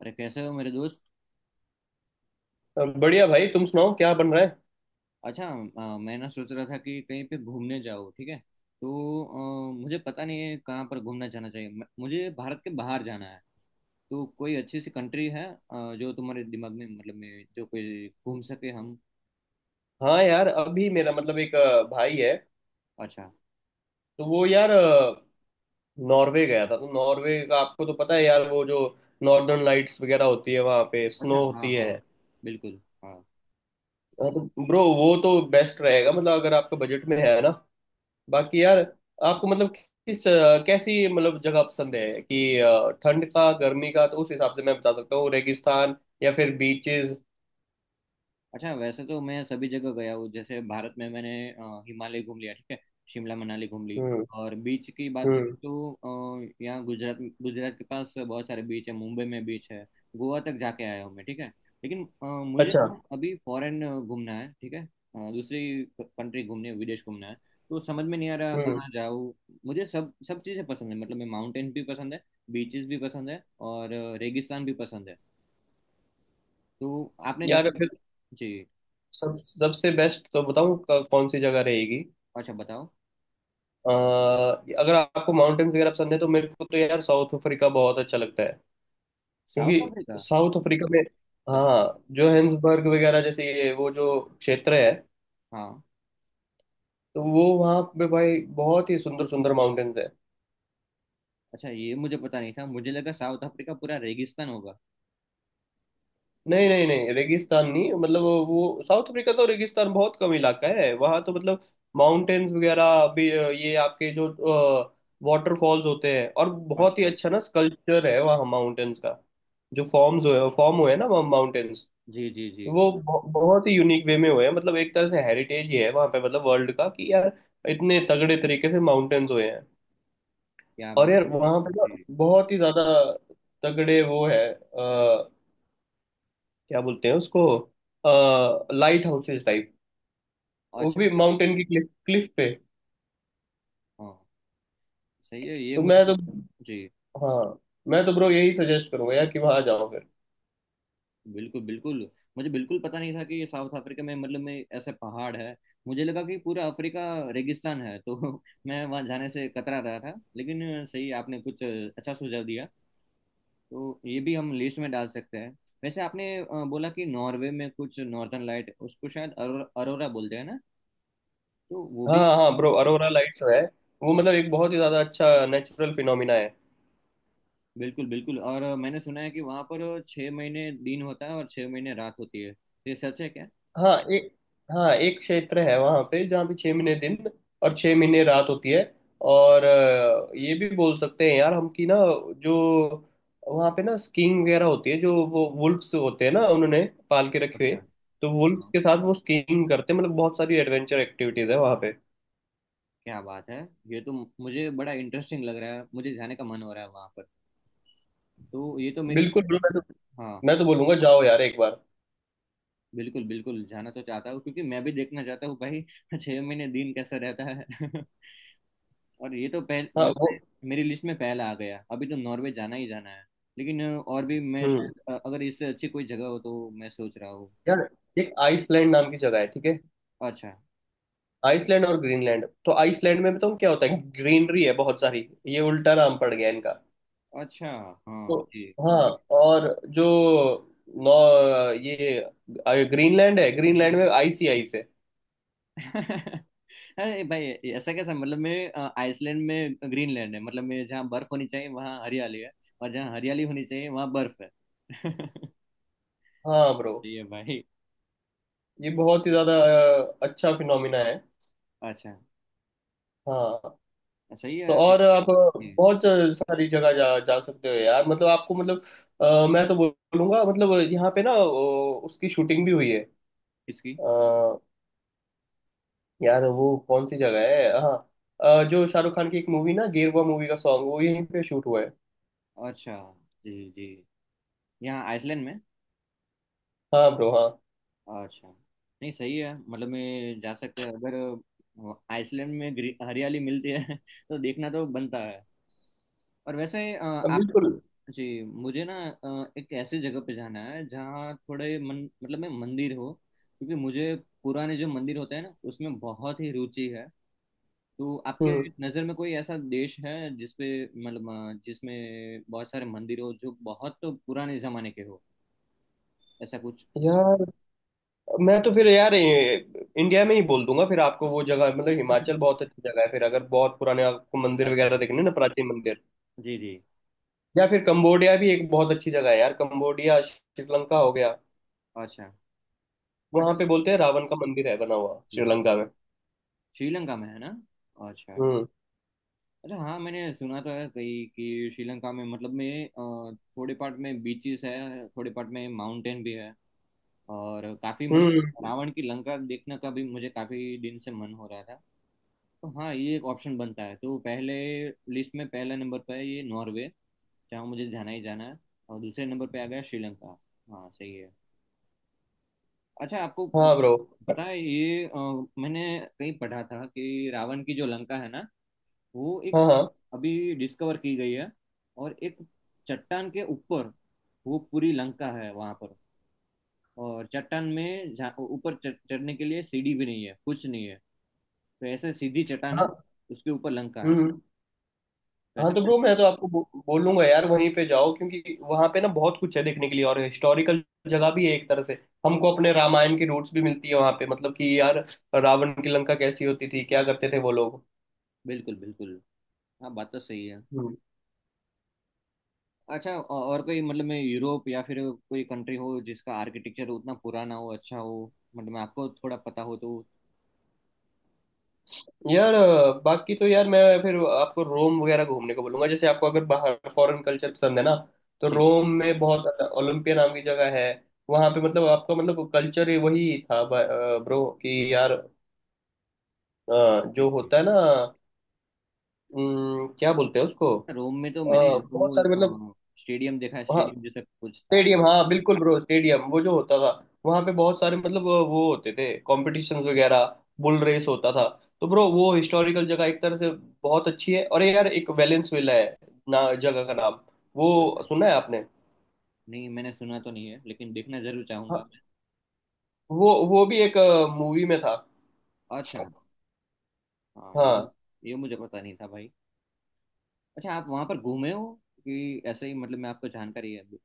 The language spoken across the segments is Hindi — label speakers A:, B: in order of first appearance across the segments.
A: अरे, कैसे हो मेरे दोस्त?
B: बढ़िया भाई। तुम सुनाओ क्या बन रहा है।
A: अच्छा, मैं ना सोच रहा था कि कहीं पे घूमने जाओ, ठीक है। तो मुझे पता नहीं है कहाँ पर घूमना जाना चाहिए। मुझे भारत के बाहर जाना है। तो कोई अच्छी सी कंट्री है जो तुम्हारे दिमाग में, मतलब में, जो कोई घूम सके? हम।
B: हाँ यार, अभी मेरा मतलब एक भाई है।
A: अच्छा।
B: तो वो यार नॉर्वे गया था। तो नॉर्वे का आपको तो पता है यार, वो जो नॉर्दर्न लाइट्स वगैरह होती है, वहाँ पे
A: अच्छा,
B: स्नो
A: हाँ
B: होती
A: हाँ।
B: है।
A: बिल्कुल, हाँ।
B: हाँ, तो ब्रो वो तो बेस्ट रहेगा मतलब, अगर आपका बजट में है ना। बाकी यार, आपको मतलब किस कैसी मतलब जगह पसंद है कि ठंड का गर्मी का, तो उस हिसाब से मैं बता सकता हूँ, रेगिस्तान या फिर बीचेस।
A: अच्छा, वैसे तो मैं सभी जगह गया हूँ। जैसे भारत में मैंने हिमालय घूम लिया, ठीक है। शिमला, मनाली घूम ली।
B: हम्म।
A: और बीच की बात करें
B: हम्म।
A: तो यहाँ गुजरात गुजरात के पास बहुत सारे बीच है, मुंबई में बीच है। गोवा तक जाके आया हूँ मैं, ठीक है। लेकिन मुझे
B: अच्छा।
A: ना अभी फॉरेन घूमना है, ठीक है। दूसरी कंट्री घूमनी है, विदेश घूमना है। तो समझ में नहीं आ रहा
B: हम्म।
A: कहाँ जाऊँ। मुझे सब सब चीज़ें पसंद है, मतलब मैं माउंटेन भी पसंद है। बीचेस भी पसंद है और रेगिस्तान भी पसंद है। तो आपने
B: यार,
A: जैसे। जी।
B: सब सबसे बेस्ट तो बताऊं कौन सी जगह रहेगी।
A: अच्छा, बताओ।
B: अ, अगर आपको माउंटेन्स वगैरह पसंद है तो मेरे को तो यार साउथ अफ्रीका बहुत अच्छा लगता है।
A: South Africa?
B: क्योंकि साउथ अफ्रीका में
A: अच्छा,
B: हाँ, जोहेंसबर्ग वगैरह जैसे ये वो जो क्षेत्र है।
A: हाँ।
B: तो वो वहाँ पे भाई बहुत ही सुंदर सुंदर माउंटेन्स है।
A: अच्छा, ये मुझे पता नहीं था, मुझे लगा साउथ अफ्रीका पूरा रेगिस्तान होगा।
B: नहीं नहीं नहीं, रेगिस्तान नहीं मतलब, साउथ अफ्रीका तो रेगिस्तान बहुत कम इलाका है वहाँ तो मतलब। माउंटेन्स वगैरह भी ये आपके जो वाटरफॉल्स होते हैं, और बहुत ही
A: अच्छा।
B: अच्छा ना स्कल्पचर है वहाँ माउंटेन्स का। जो फॉर्म हुए हैं ना माउंटेन्स।
A: जी जी जी।
B: तो वो बहुत ही यूनिक वे में हुए हैं मतलब, एक तरह से हेरिटेज ही है वहाँ पे मतलब वर्ल्ड का, कि यार इतने तगड़े तरीके से माउंटेन्स हुए हैं।
A: क्या
B: और
A: बात!
B: यार वहाँ पे ना
A: जी।
B: बहुत ही ज्यादा तगड़े वो है, क्या बोलते हैं उसको, लाइट हाउसेस टाइप, वो भी
A: अच्छा,
B: माउंटेन की क्लिफ क्लिफ पे।
A: हाँ। सही है ये,
B: तो मैं
A: मुझे।
B: तो
A: जी।
B: हाँ। मैं तो ब्रो यही सजेस्ट करूंगा यार कि वहां जाओ फिर।
A: बिल्कुल, बिल्कुल, मुझे बिल्कुल पता नहीं था कि ये साउथ अफ्रीका में, मतलब में, ऐसे पहाड़ है। मुझे लगा कि पूरा अफ्रीका रेगिस्तान है, तो मैं वहाँ जाने से कतरा रहा था, लेकिन सही, आपने कुछ अच्छा सुझाव दिया। तो ये भी हम लिस्ट में डाल सकते हैं। वैसे आपने बोला कि नॉर्वे में कुछ नॉर्दर्न लाइट, उसको शायद अरोरा बोलते हैं ना, तो वो
B: हाँ
A: भी।
B: हाँ ब्रो, अरोरा लाइट्स जो है वो मतलब एक बहुत ही ज्यादा अच्छा नेचुरल फिनोमिना है।
A: बिल्कुल, बिल्कुल। और मैंने सुना है कि वहाँ पर 6 महीने दिन होता है और 6 महीने रात होती है। ये सच है क्या?
B: हाँ एक हाँ एक क्षेत्र है वहाँ पे, जहाँ पे 6 महीने दिन और 6 महीने रात होती है। और ये भी बोल सकते हैं यार हम कि ना, जो वहाँ पे ना स्कीइंग वगैरह होती है, जो वो वुल्फ्स होते हैं ना उन्होंने पाल के रखे
A: अच्छा,
B: हुए। तो वुल्फ्स
A: हाँ।
B: के साथ वो स्कीइंग करते हैं मतलब, बहुत सारी एडवेंचर एक्टिविटीज है वहाँ पे।
A: क्या बात है! ये तो मुझे बड़ा इंटरेस्टिंग लग रहा है, मुझे जाने का मन हो रहा है वहाँ पर। तो ये तो मेरी।
B: बिल्कुल बिल्कुल। मैं तो
A: हाँ,
B: मैं तो बोलूंगा जाओ यार एक बार।
A: बिल्कुल बिल्कुल, जाना तो चाहता हूँ क्योंकि मैं भी देखना चाहता हूँ भाई 6 महीने दिन कैसा रहता है और ये तो पहले,
B: हाँ। वो।
A: मतलब मेरी लिस्ट में पहला आ गया, अभी तो नॉर्वे जाना ही जाना है। लेकिन और भी मैं
B: हम्म।
A: शायद, अगर इससे अच्छी कोई जगह हो तो मैं सोच रहा हूँ।
B: यार एक आइसलैंड नाम की जगह है, ठीक है।
A: अच्छा।
B: आइसलैंड और ग्रीनलैंड, तो आइसलैंड में बताऊँ क्या होता है, ग्रीनरी है बहुत सारी। ये उल्टा नाम पड़ गया इनका।
A: अच्छा,
B: तो
A: हाँ जी।
B: हाँ। और जो नौ ये ग्रीनलैंड है, ग्रीनलैंड में आइस ही आइस है।
A: अरे भाई! ऐसा कैसा, मतलब मैं, आइसलैंड में ग्रीनलैंड है, मतलब मैं जहाँ बर्फ होनी चाहिए वहाँ हरियाली है। और जहाँ हरियाली होनी चाहिए वहाँ बर्फ है।
B: हाँ ब्रो,
A: सही है भाई।
B: ये बहुत ही ज्यादा अच्छा फिनोमिना है।
A: अच्छा,
B: हाँ।
A: सही
B: तो
A: है।
B: और आप
A: जी।
B: बहुत सारी जगह जा जा सकते हो यार मतलब, आपको मतलब मैं तो बोलूंगा मतलब यहाँ पे ना, उसकी शूटिंग भी हुई
A: किसकी?
B: है। यार वो कौन सी जगह है, हाँ, जो शाहरुख खान की एक मूवी ना, गेरुआ मूवी का सॉन्ग वो यहीं पे शूट हुआ है।
A: अच्छा, जी जी, यहाँ आइसलैंड में।
B: हाँ ब्रो हाँ।
A: अच्छा, नहीं, सही है, मतलब मैं जा सकते हैं अगर आइसलैंड में हरियाली मिलती है तो देखना तो बनता है। और वैसे आप।
B: बिल्कुल।
A: जी, मुझे ना एक ऐसी जगह पे जाना है जहाँ थोड़े मन, मतलब में, मंदिर हो। क्योंकि मुझे पुराने जो मंदिर होते हैं ना, उसमें बहुत ही रुचि है। तो आपके
B: हम्म।
A: नज़र में कोई ऐसा देश है जिसपे, मतलब जिसमें बहुत सारे मंदिर हो जो बहुत तो पुराने जमाने के हो, ऐसा कुछ?
B: यार मैं तो फिर यार इंडिया में ही बोल दूंगा फिर, आपको वो जगह मतलब हिमाचल बहुत अच्छी जगह है फिर, अगर बहुत पुराने आपको मंदिर वगैरह
A: अच्छा,
B: देखने हैं ना, प्राचीन मंदिर।
A: जी जी।
B: या फिर कंबोडिया भी एक बहुत अच्छी जगह है यार, कंबोडिया, श्रीलंका हो गया।
A: अच्छा।
B: वहां
A: अच्छा,
B: पे बोलते हैं रावण का मंदिर है बना हुआ,
A: जी,
B: श्रीलंका में।
A: श्रीलंका में है ना? अच्छा।
B: हम्म।
A: अच्छा, हाँ, मैंने सुना तो है कहीं कि श्रीलंका में, मतलब में, थोड़े पार्ट में बीचेस है, थोड़े पार्ट में माउंटेन भी है। और काफी, मतलब
B: हम्म।
A: रावण की लंका देखने का भी मुझे काफी दिन से मन हो रहा था। तो हाँ, ये एक ऑप्शन बनता है। तो पहले लिस्ट में पहला नंबर पर है ये नॉर्वे, जहाँ मुझे जाना ही जाना है। और दूसरे नंबर पे आ गया श्रीलंका। हाँ, सही है। अच्छा, आपको
B: हाँ ब्रो।
A: पता है ये? मैंने कहीं पढ़ा था कि रावण की जो लंका है ना, वो एक
B: हाँ हाँ
A: अभी डिस्कवर की गई है। और एक चट्टान के ऊपर वो पूरी लंका है वहां पर। और चट्टान में ऊपर चढ़ने के लिए सीढ़ी भी नहीं है, कुछ नहीं है। तो ऐसे सीधी चट्टान है,
B: हाँ।
A: उसके ऊपर लंका है
B: हम्म। हाँ,
A: वैसा।
B: तो ब्रो मैं तो आपको बोलूंगा यार, वहीं पे जाओ क्योंकि वहां पे ना बहुत कुछ है देखने के लिए, और हिस्टोरिकल जगह भी है एक तरह से। हमको अपने रामायण की रूट्स भी मिलती है वहां पे मतलब, कि यार रावण की लंका कैसी होती थी, क्या करते थे वो लोग।
A: बिल्कुल, बिल्कुल। हाँ, बात तो सही है।
B: हम्म।
A: अच्छा, और कोई, मतलब में यूरोप या फिर कोई कंट्री हो जिसका आर्किटेक्चर उतना पुराना हो, अच्छा हो, मतलब में आपको थोड़ा पता हो तो?
B: यार बाकी तो यार मैं फिर आपको रोम वगैरह घूमने को बोलूंगा, जैसे आपको अगर बाहर फॉरेन कल्चर पसंद है ना। तो
A: जी
B: रोम में बहुत ओलंपिया नाम की जगह है। वहां पे मतलब आपका मतलब कल्चर वही था ब्रो, कि यार
A: जी
B: जो
A: जी।
B: होता है ना, क्या बोलते हैं उसको, अ,
A: रोम में तो मैंने
B: बहुत सारे मतलब।
A: वो स्टेडियम देखा है,
B: हाँ,
A: स्टेडियम जैसा कुछ था।
B: स्टेडियम हाँ, बिल्कुल ब्रो, स्टेडियम वो जो होता था, वहाँ पे बहुत सारे मतलब वो होते थे कॉम्पिटिशन्स वगैरह, बुल रेस होता था। तो ब्रो वो हिस्टोरिकल जगह एक तरह से बहुत अच्छी है। और ये यार एक वेलेंस विला है ना जगह का नाम, वो
A: मतलब
B: सुना है आपने।
A: नहीं, मैंने सुना तो नहीं है, लेकिन देखना जरूर चाहूंगा
B: हाँ,
A: मैं।
B: वो भी एक मूवी में था।
A: अच्छा, हाँ। ये
B: हाँ।
A: ये मुझे पता नहीं था भाई। अच्छा, आप वहाँ पर घूमे हो, कि ऐसे ही, मतलब मैं आपको जानकारी है अभी?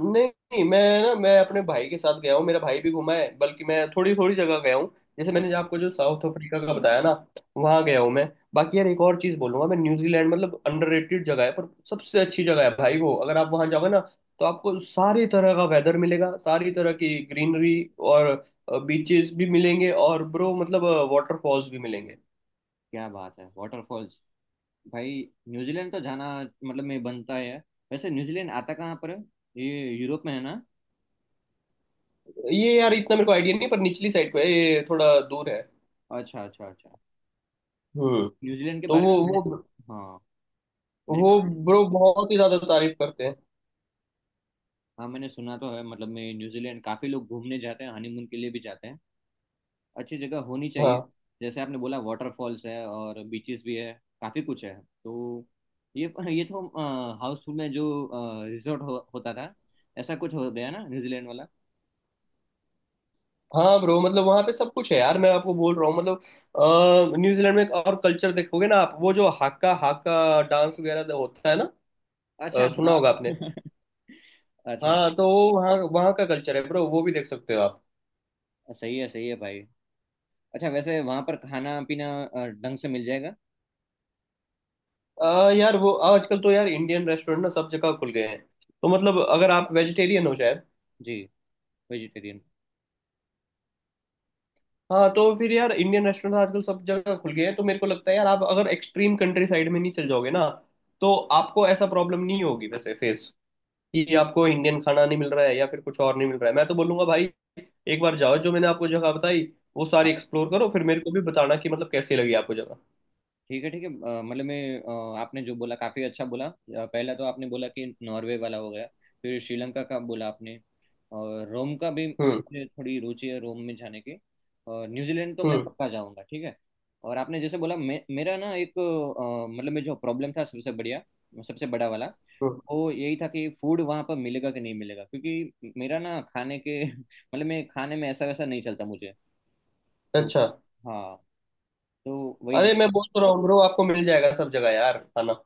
B: नहीं नहीं, मैं अपने भाई के साथ गया हूँ। मेरा भाई भी घूमा है, बल्कि मैं थोड़ी थोड़ी जगह गया हूँ। जैसे मैंने जो
A: अच्छा।
B: आपको जो साउथ अफ्रीका का बताया ना, वहाँ गया हूँ मैं। बाकी यार एक और चीज़ बोलूंगा, मैं न्यूजीलैंड मतलब अंडररेटेड जगह है पर सबसे अच्छी जगह है भाई। वो अगर आप वहाँ जाओगे ना, तो आपको सारी तरह का वेदर मिलेगा, सारी तरह की ग्रीनरी, और बीचेस भी मिलेंगे, और ब्रो मतलब वाटरफॉल्स भी मिलेंगे।
A: क्या बात है! वाटरफॉल्स! भाई, न्यूजीलैंड तो जाना, मतलब में बनता है। वैसे न्यूजीलैंड आता कहाँ पर है? ये यूरोप में है ना?
B: ये यार इतना मेरे को आइडिया नहीं, पर निचली साइड पे है, ये थोड़ा दूर है।
A: अच्छा, अच्छा, अच्छा।
B: हम्म।
A: न्यूजीलैंड के
B: तो
A: बारे
B: वो
A: में
B: वो
A: मैंने, हाँ, मैंने
B: वो
A: कहा।
B: ब्रो बहुत ही ज्यादा तारीफ करते हैं।
A: हाँ, मैंने सुना तो है, मतलब मैं न्यूजीलैंड काफी लोग घूमने जाते हैं, हनीमून के लिए भी जाते हैं। अच्छी जगह होनी चाहिए।
B: हाँ
A: जैसे आपने बोला वाटरफॉल्स है और बीचेस भी है, काफी कुछ है। तो ये ये तो हाउसफुल में जो रिजॉर्ट होता था, ऐसा कुछ हो गया ना न्यूजीलैंड वाला?
B: हाँ ब्रो मतलब, वहाँ पे सब कुछ है यार, मैं आपको बोल रहा हूँ मतलब, न्यूजीलैंड में एक और कल्चर देखोगे ना आप, वो जो हाक्का हाक्का डांस वगैरह जो होता है ना।
A: अच्छा,
B: सुना
A: हाँ।
B: होगा आपने।
A: अच्छा,
B: हाँ, तो वो वहाँ वहाँ का कल्चर है ब्रो, वो भी देख सकते हो आप।
A: सही है, सही है भाई। अच्छा, वैसे वहां पर खाना पीना ढंग से मिल जाएगा?
B: यार वो आजकल तो यार इंडियन रेस्टोरेंट ना सब जगह खुल गए हैं, तो मतलब अगर आप वेजिटेरियन हो शायद।
A: जी, वेजिटेरियन।
B: हाँ, तो फिर यार इंडियन रेस्टोरेंट आजकल सब जगह खुल गए हैं, तो मेरे को लगता है यार आप अगर एक्सट्रीम कंट्री साइड में नहीं चल जाओगे ना, तो आपको ऐसा प्रॉब्लम नहीं होगी वैसे फेस, कि आपको इंडियन खाना नहीं मिल रहा है या फिर कुछ और नहीं मिल रहा है। मैं तो बोलूंगा भाई, एक बार जाओ जो मैंने आपको जगह बताई, वो सारी एक्सप्लोर करो, फिर मेरे को भी बताना कि मतलब कैसी लगी आपको जगह।
A: ठीक है, ठीक है। मतलब मैं, आपने जो बोला काफी अच्छा बोला। पहला तो आपने बोला कि नॉर्वे वाला हो गया। फिर श्रीलंका का बोला आपने। और रोम का भी
B: हम्म।
A: मुझे थोड़ी रुचि है, रोम में जाने की। और न्यूजीलैंड तो मैं
B: हम्म।
A: पक्का जाऊंगा, ठीक है। और आपने जैसे बोला, मेरा ना एक, मतलब में जो प्रॉब्लम था, सबसे बढ़िया, सबसे बड़ा वाला,
B: हम्म।
A: वो यही था कि फूड वहाँ पर मिलेगा कि नहीं मिलेगा। क्योंकि मेरा ना खाने के मतलब मैं खाने में ऐसा वैसा नहीं चलता मुझे। तो।
B: अच्छा।
A: हाँ। तो वही।
B: अरे मैं बोल तो रहा हूँ ब्रो, आपको मिल जाएगा सब जगह यार खाना।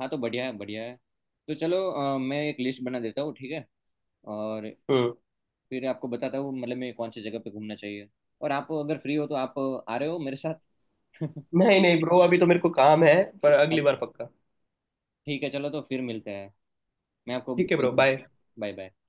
A: हाँ, तो बढ़िया है, बढ़िया है। तो चलो, मैं एक लिस्ट बना देता हूँ, ठीक है। और
B: हम्म।
A: फिर आपको बताता हूँ मतलब मैं कौन सी जगह पे घूमना चाहिए। और आप अगर फ्री हो, तो आप आ रहे हो मेरे साथ?
B: नहीं नहीं ब्रो, अभी तो मेरे को काम है, पर अगली बार
A: अच्छा,
B: पक्का।
A: ठीक है, चलो तो फिर मिलते हैं, मैं आपको
B: ठीक है
A: बोल
B: ब्रो,
A: दूंगा।
B: बाय।
A: Bye, bye.